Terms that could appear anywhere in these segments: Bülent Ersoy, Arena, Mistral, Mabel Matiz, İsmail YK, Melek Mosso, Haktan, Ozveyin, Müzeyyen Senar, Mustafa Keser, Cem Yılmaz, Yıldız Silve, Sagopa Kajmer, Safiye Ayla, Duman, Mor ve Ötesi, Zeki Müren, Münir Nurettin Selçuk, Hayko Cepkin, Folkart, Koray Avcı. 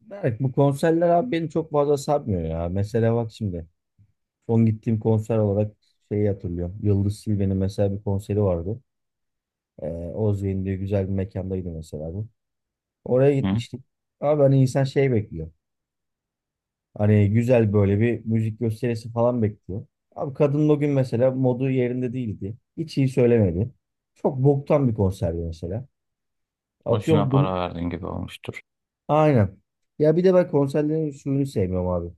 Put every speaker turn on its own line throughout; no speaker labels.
Berk, bu konserler abi beni çok fazla sarmıyor ya. Mesela bak şimdi son gittiğim konser olarak şeyi hatırlıyorum. Yıldız Silve'nin mesela bir konseri vardı. Ee, Ozveyin diye güzel bir mekandaydı mesela bu. Oraya
Hı?
gitmiştik. Abi hani insan şey bekliyor. Hani güzel böyle bir müzik gösterisi falan bekliyor. Abi kadın o gün mesela modu yerinde değildi. Hiç iyi söylemedi. Çok boktan bir konserdi mesela.
Boşuna
Atıyorum
para
dum...
verdin gibi olmuştur.
Aynen. Ya bir de ben konserlerin suyunu sevmiyorum abi.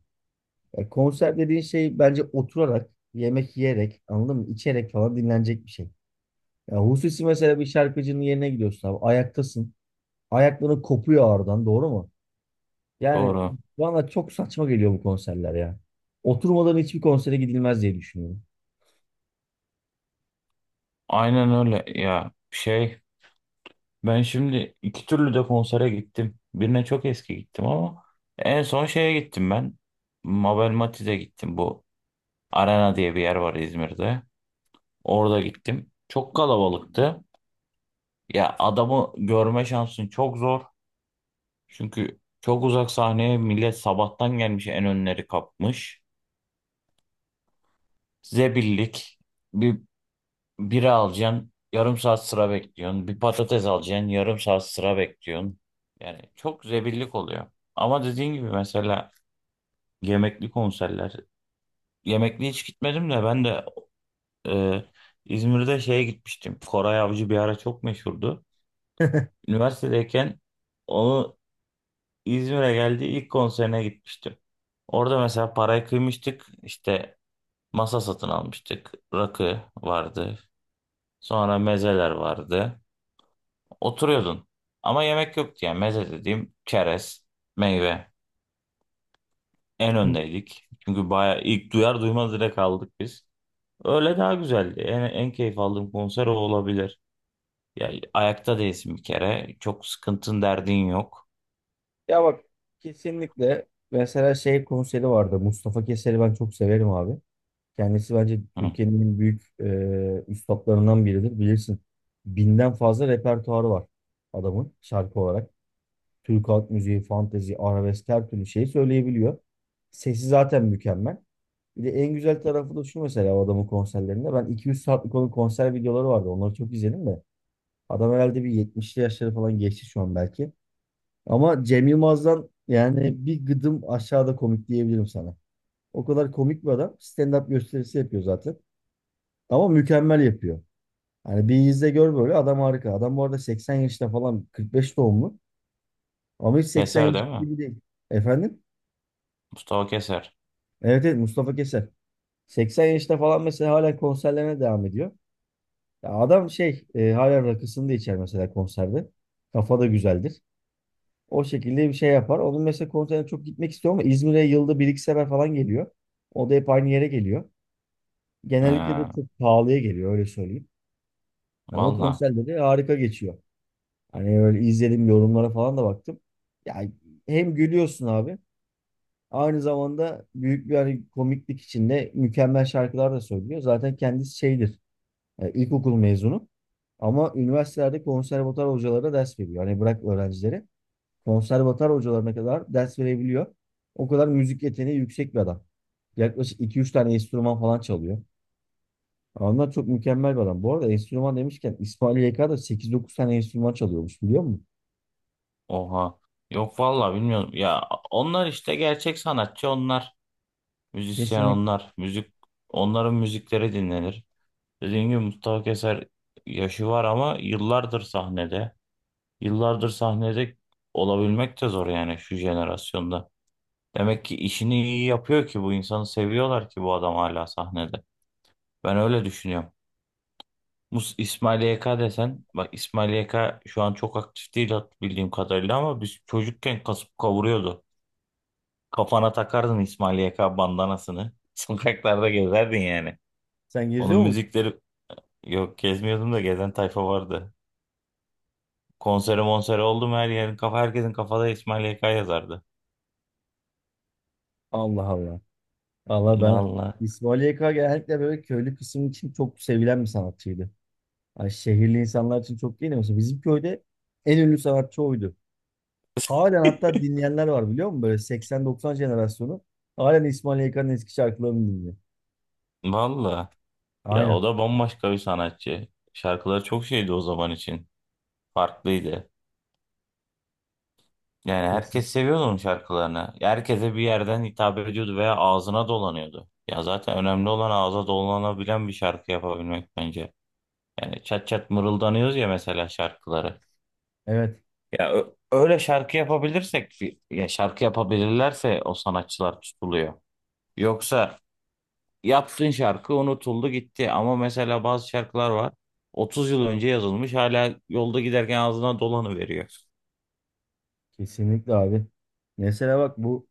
Ya konser dediğin şey bence oturarak, yemek yiyerek, anladın mı? İçerek falan dinlenecek bir şey. Ya hususi mesela bir şarkıcının yerine gidiyorsun abi. Ayaktasın. Ayakların kopuyor ağrıdan, doğru mu? Yani
Doğru.
bana çok saçma geliyor bu konserler ya. Oturmadan hiçbir konsere gidilmez diye düşünüyorum.
Aynen öyle ya. Şey ben şimdi iki türlü de konsere gittim. Birine çok eski gittim ama en son şeye gittim ben. Mabel Matiz'e gittim. Bu Arena diye bir yer var İzmir'de. Orada gittim. Çok kalabalıktı. Ya adamı görme şansın çok zor. Çünkü çok uzak sahneye millet sabahtan gelmiş en önleri kapmış. Zebillik. bir Biri alacaksın, yarım saat sıra bekliyorsun. Bir patates alacaksın, yarım saat sıra bekliyorsun. Yani çok zebillik oluyor. Ama dediğin gibi mesela yemekli konserler. Yemekli hiç gitmedim de ben de e, İzmir'de şeye gitmiştim. Koray Avcı bir ara çok meşhurdu. Üniversitedeyken onu İzmir'e geldiği ilk konserine gitmiştim. Orada mesela parayı kıymıştık. İşte masa satın almıştık. Rakı vardı. Sonra mezeler vardı. Oturuyordun. Ama yemek yoktu yani. Meze dediğim çerez, meyve. En
Hı.
öndeydik. Çünkü bayağı ilk duyar duymaz direkt aldık biz. Öyle daha güzeldi. En keyif aldığım konser o olabilir. Yani ayakta değilsin bir kere. Çok sıkıntın derdin yok.
Ya bak kesinlikle mesela şey konseri vardı. Mustafa Keser'i ben çok severim abi. Kendisi bence
Hı.
Türkiye'nin en büyük üstadlarından biridir. Bilirsin. Binden fazla repertuarı var adamın şarkı olarak. Türk halk müziği, fantezi, arabesk her türlü şeyi söyleyebiliyor. Sesi zaten mükemmel. Bir de en güzel tarafı da şu mesela o adamın konserlerinde. Ben 200 saatlik onun konser videoları vardı. Onları çok izledim de. Adam herhalde bir 70'li yaşları falan geçti şu an belki. Ama Cem Yılmaz'dan yani bir gıdım aşağıda komik diyebilirim sana. O kadar komik bir adam. Stand-up gösterisi yapıyor zaten. Ama mükemmel yapıyor. Hani bir izle gör böyle adam harika. Adam bu arada 80 yaşında falan 45 doğumlu. Ama hiç 80
Keser
yaşında
değil mi?
gibi değil. Efendim?
Mustafa Keser.
Evet evet Mustafa Keser. 80 yaşında falan mesela hala konserlerine devam ediyor. Ya adam şey hala rakısını da içer mesela konserde. Kafa da güzeldir. O şekilde bir şey yapar. Onun mesela konserine çok gitmek istiyor ama İzmir'e yılda bir iki sefer falan geliyor. O da hep aynı yere geliyor. Genellikle
Ee,
de çok pahalıya geliyor öyle söyleyeyim. Ama
valla.
konserleri harika geçiyor. Hani öyle izledim yorumlara falan da baktım. Ya hem gülüyorsun abi. Aynı zamanda büyük bir hani komiklik içinde mükemmel şarkılar da söylüyor. Zaten kendisi şeydir. E, ilkokul mezunu. Ama üniversitelerde konservatuar hocalara ders veriyor. Hani bırak öğrencileri. Konservatuar hocalarına kadar ders verebiliyor. O kadar müzik yeteneği yüksek bir adam. Yaklaşık iki üç tane enstrüman falan çalıyor. Onlar çok mükemmel bir adam. Bu arada enstrüman demişken İsmail YK da sekiz dokuz tane enstrüman çalıyormuş biliyor musun?
Oha. Yok valla bilmiyorum. Ya onlar işte gerçek sanatçı onlar. Müzisyen onlar. Müzik onların müzikleri dinlenir. Dediğim gibi Mustafa Keser yaşı var ama yıllardır sahnede. Yıllardır sahnede olabilmek de zor yani şu jenerasyonda. Demek ki işini iyi yapıyor ki bu insanı seviyorlar ki bu adam hala sahnede. Ben öyle düşünüyorum. İsmail YK desen, bak İsmail YK şu an çok aktif değil bildiğim kadarıyla ama biz çocukken kasıp kavuruyordu. Kafana takardın İsmail YK bandanasını. Sokaklarda gezerdin yani.
Sen
Onun
geziyor musun?
müzikleri yok gezmiyordum da gezen tayfa vardı. Konseri monseri oldu mu her yerin kafa herkesin kafada İsmail YK yazardı.
Allah Allah. Allah ben
Vallahi.
İsmail YK genellikle böyle köylü kısım için çok sevilen bir sanatçıydı. Hani şehirli insanlar için çok değil de mesela bizim köyde en ünlü sanatçı oydu. Halen hatta dinleyenler var biliyor musun? Böyle 80-90 jenerasyonu halen İsmail YK'nın eski şarkılarını dinliyor.
Vallahi. Ya o
Aynen.
da bambaşka bir sanatçı. Şarkıları çok şeydi o zaman için. Farklıydı. Yani
Kesin.
herkes seviyordu onun şarkılarını. Herkese bir yerden hitap ediyordu veya ağzına dolanıyordu. Ya zaten önemli olan ağza dolanabilen bir şarkı yapabilmek bence. Yani çat çat mırıldanıyoruz ya mesela şarkıları.
Evet.
Ya öyle şarkı yapabilirsek, ya şarkı yapabilirlerse o sanatçılar tutuluyor. Yoksa yaptığın şarkı unutuldu gitti. Ama mesela bazı şarkılar var. 30 yıl önce yazılmış hala yolda giderken ağzına dolanıveriyor.
Kesinlikle abi. Mesela bak bu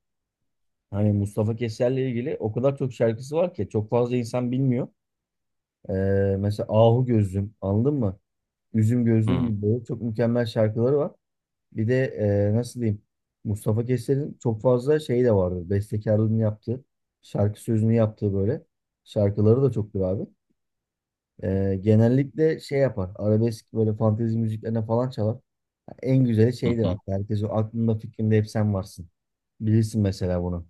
hani Mustafa Keser'le ilgili o kadar çok şarkısı var ki çok fazla insan bilmiyor. Ee, mesela Ahu Gözlüm anladın mı? Üzüm Gözlüm
Hı
gibi böyle çok mükemmel şarkıları var. Bir de nasıl diyeyim Mustafa Keser'in çok fazla şeyi de vardı. Bestekarlığını yaptığı, şarkı sözünü yaptığı böyle. Şarkıları da çoktur abi. E, genellikle şey yapar. Arabesk böyle fantezi müziklerine falan çalar. En güzeli
hı
şeydir
hı.
hatta. Herkes o aklında fikrinde hep sen varsın. Bilirsin mesela bunu.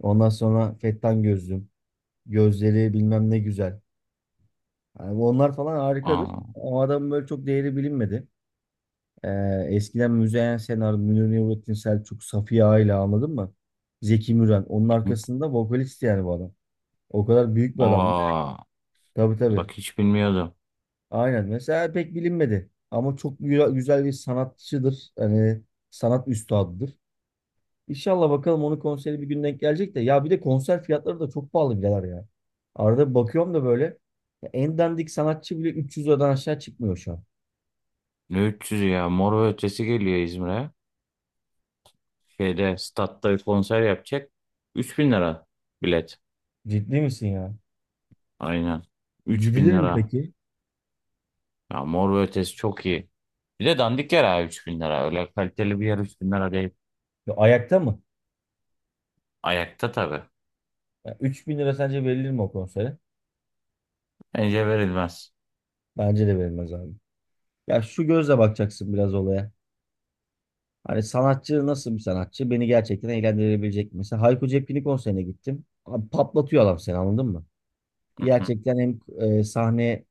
Ondan sonra Fettan Gözlüm. Gözleri bilmem ne güzel. Yani onlar falan harikadır.
Aa,
O adam böyle çok değeri bilinmedi. Eskiden Müzeyyen Senar, Münir Nurettin Selçuk, Safiye Ayla anladın mı? Zeki Müren. Onun
hı.
arkasında vokalist yani bu adam. O kadar büyük bir adamdı.
Aa,
Tabii
bak
tabii.
hiç bilmiyordum.
Aynen. Mesela pek bilinmedi. Ama çok güzel, güzel bir sanatçıdır. Hani sanat üstadıdır. İnşallah bakalım onun konseri bir gün denk gelecek de. Ya bir de konser fiyatları da çok pahalı birader ya. Arada bakıyorum da böyle. Ya en dandik sanatçı bile 300 liradan aşağı çıkmıyor şu an.
Ne 300 ya, Mor ve Ötesi geliyor İzmir'e. Şeyde statta bir konser yapacak. 3.000 lira bilet.
Ciddi misin ya?
Aynen. 3000
Gidilir mi
lira.
peki?
Ya Mor ve Ötesi çok iyi. Bir de dandik yer abi 3.000 lira. Öyle kaliteli bir yer 3.000 lira değil.
Ya ayakta mı?
Ayakta tabii.
Ya 3.000 lira sence verilir mi o konsere?
Bence verilmez.
Bence de verilmez abi. Ya şu gözle bakacaksın biraz olaya. Hani sanatçı nasıl bir sanatçı? Beni gerçekten eğlendirebilecek mi? Mesela Hayko Cepkin'in konserine gittim. Abi patlatıyor adam seni anladın mı? Gerçekten hem sahne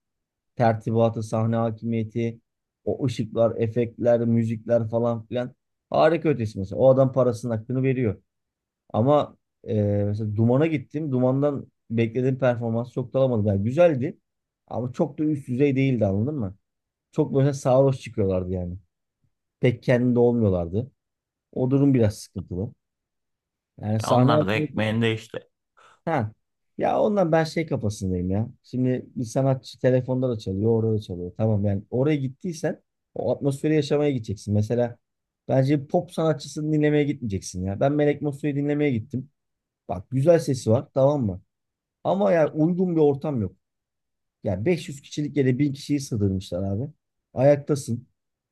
tertibatı, sahne hakimiyeti, o ışıklar, efektler, müzikler falan filan harika ötesi mesela. O adam parasının hakkını veriyor. Ama mesela Duman'a gittim. Duman'dan beklediğim performans çok da alamadım. Yani güzeldi ama çok da üst düzey değildi anladın mı? Çok böyle sarhoş çıkıyorlardı yani. Pek kendinde olmuyorlardı. O durum biraz sıkıntılı. Yani
Ya
sahne
onlar da
altında...
ekmeğinde işte.
Ha. Ya ondan ben şey kafasındayım ya. Şimdi bir sanatçı telefonda da çalıyor, orada da çalıyor. Tamam yani oraya gittiysen o atmosferi yaşamaya gideceksin. Mesela bence pop sanatçısını dinlemeye gitmeyeceksin ya. Ben Melek Mosso'yu dinlemeye gittim. Bak güzel sesi var tamam mı? Ama yani uygun bir ortam yok. Yani 500 kişilik yere 1.000 kişiyi sığdırmışlar abi. Ayaktasın.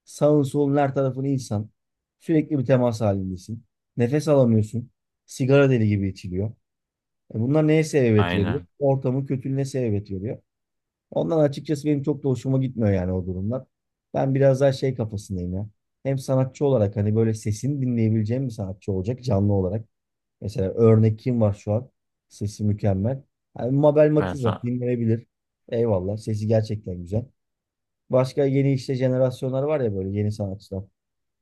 Sağın solun her tarafın insan. Sürekli bir temas halindesin. Nefes alamıyorsun. Sigara deli gibi içiliyor. E bunlar neye sebebiyet veriyor?
Aynen.
Ortamın kötülüğüne sebebiyet veriyor. Ondan açıkçası benim çok da hoşuma gitmiyor yani o durumlar. Ben biraz daha şey kafasındayım ya. Hem sanatçı olarak hani böyle sesini dinleyebileceğim bir sanatçı olacak canlı olarak. Mesela örnek kim var şu an? Sesi mükemmel. Yani Mabel
Ben
Matiz bak
sana
dinlenebilir. Eyvallah. Sesi gerçekten güzel. Başka yeni işte jenerasyonlar var ya böyle yeni sanatçılar.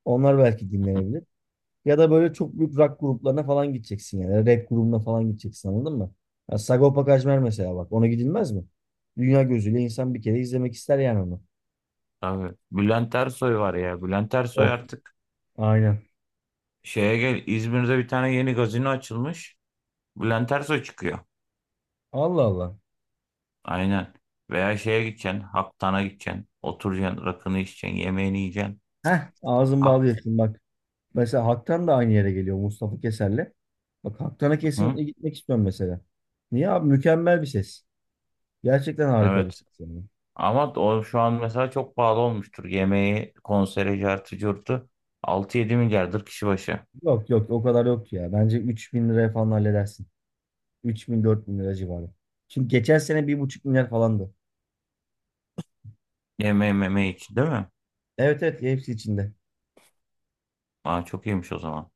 Onlar belki dinlenebilir. Ya da böyle çok büyük rock gruplarına falan gideceksin yani. Rap grubuna falan gideceksin anladın mı? Ya Sagopa Kajmer mesela bak. Ona gidilmez mi? Dünya gözüyle insan bir kere izlemek ister yani onu.
tabii. Bülent Ersoy var ya. Bülent Ersoy
Of.
artık
Aynen.
şeye gel. İzmir'de bir tane yeni gazino açılmış. Bülent Ersoy çıkıyor.
Allah Allah.
Aynen. Veya şeye gideceksin. Haktan'a gideceksin. Oturacaksın. Rakını içeceksin. Yemeğini yiyeceksin.
Heh ağzın bağlı
Hak.
yaşın bak. Mesela Haktan da aynı yere geliyor Mustafa Keser'le. Bak Haktan'a
Hı?
kesinlikle gitmek istiyorum mesela. Niye abi? Mükemmel bir ses. Gerçekten harika bir
Evet.
ses yani.
Ama o şu an mesela çok pahalı olmuştur. Yemeği, konseri, cartı, curtu. 6-7 milyardır kişi başı.
Yok yok o kadar yoktu ya. Bence 3000 liraya falan halledersin. 3.000 bin lira civarı. Şimdi geçen sene 1,5 milyar falandı.
Yemeği, memeği için değil mi?
Evet evet hepsi içinde.
Aa, çok iyiymiş o zaman.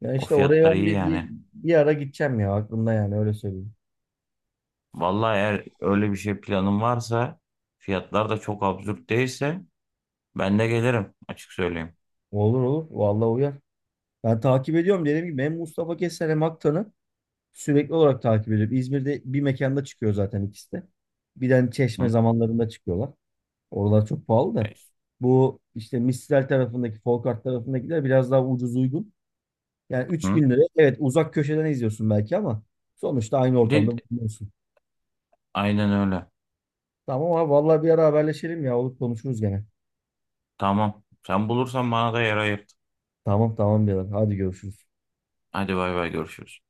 Ya
O
işte oraya
fiyatlar
ben
iyi yani.
bir ara gideceğim ya aklımda yani öyle söyleyeyim.
Vallahi eğer öyle bir şey planın varsa fiyatlar da çok absürt değilse ben de gelirim açık söyleyeyim.
Olur olur. Vallahi uyar. Ben takip ediyorum dediğim gibi hem Mustafa Keser hem Haktan'ı. Sürekli olarak takip ediyorum. İzmir'de bir mekanda çıkıyor zaten ikisi de. Bir de hani Çeşme
Hı?
zamanlarında çıkıyorlar. Oralar çok pahalı da.
E,
Bu işte Mistral tarafındaki, Folkart tarafındakiler biraz daha ucuz uygun. Yani üç
Hı?
bin lira. Evet uzak köşeden izliyorsun belki ama sonuçta aynı
Değil-
ortamda bulunuyorsun.
Aynen öyle.
Tamam abi vallahi bir ara haberleşelim ya. Olur konuşuruz gene.
Tamam. Sen bulursan bana da yer ayırt.
Tamam tamam birader. Hadi görüşürüz.
Hadi bay bay görüşürüz.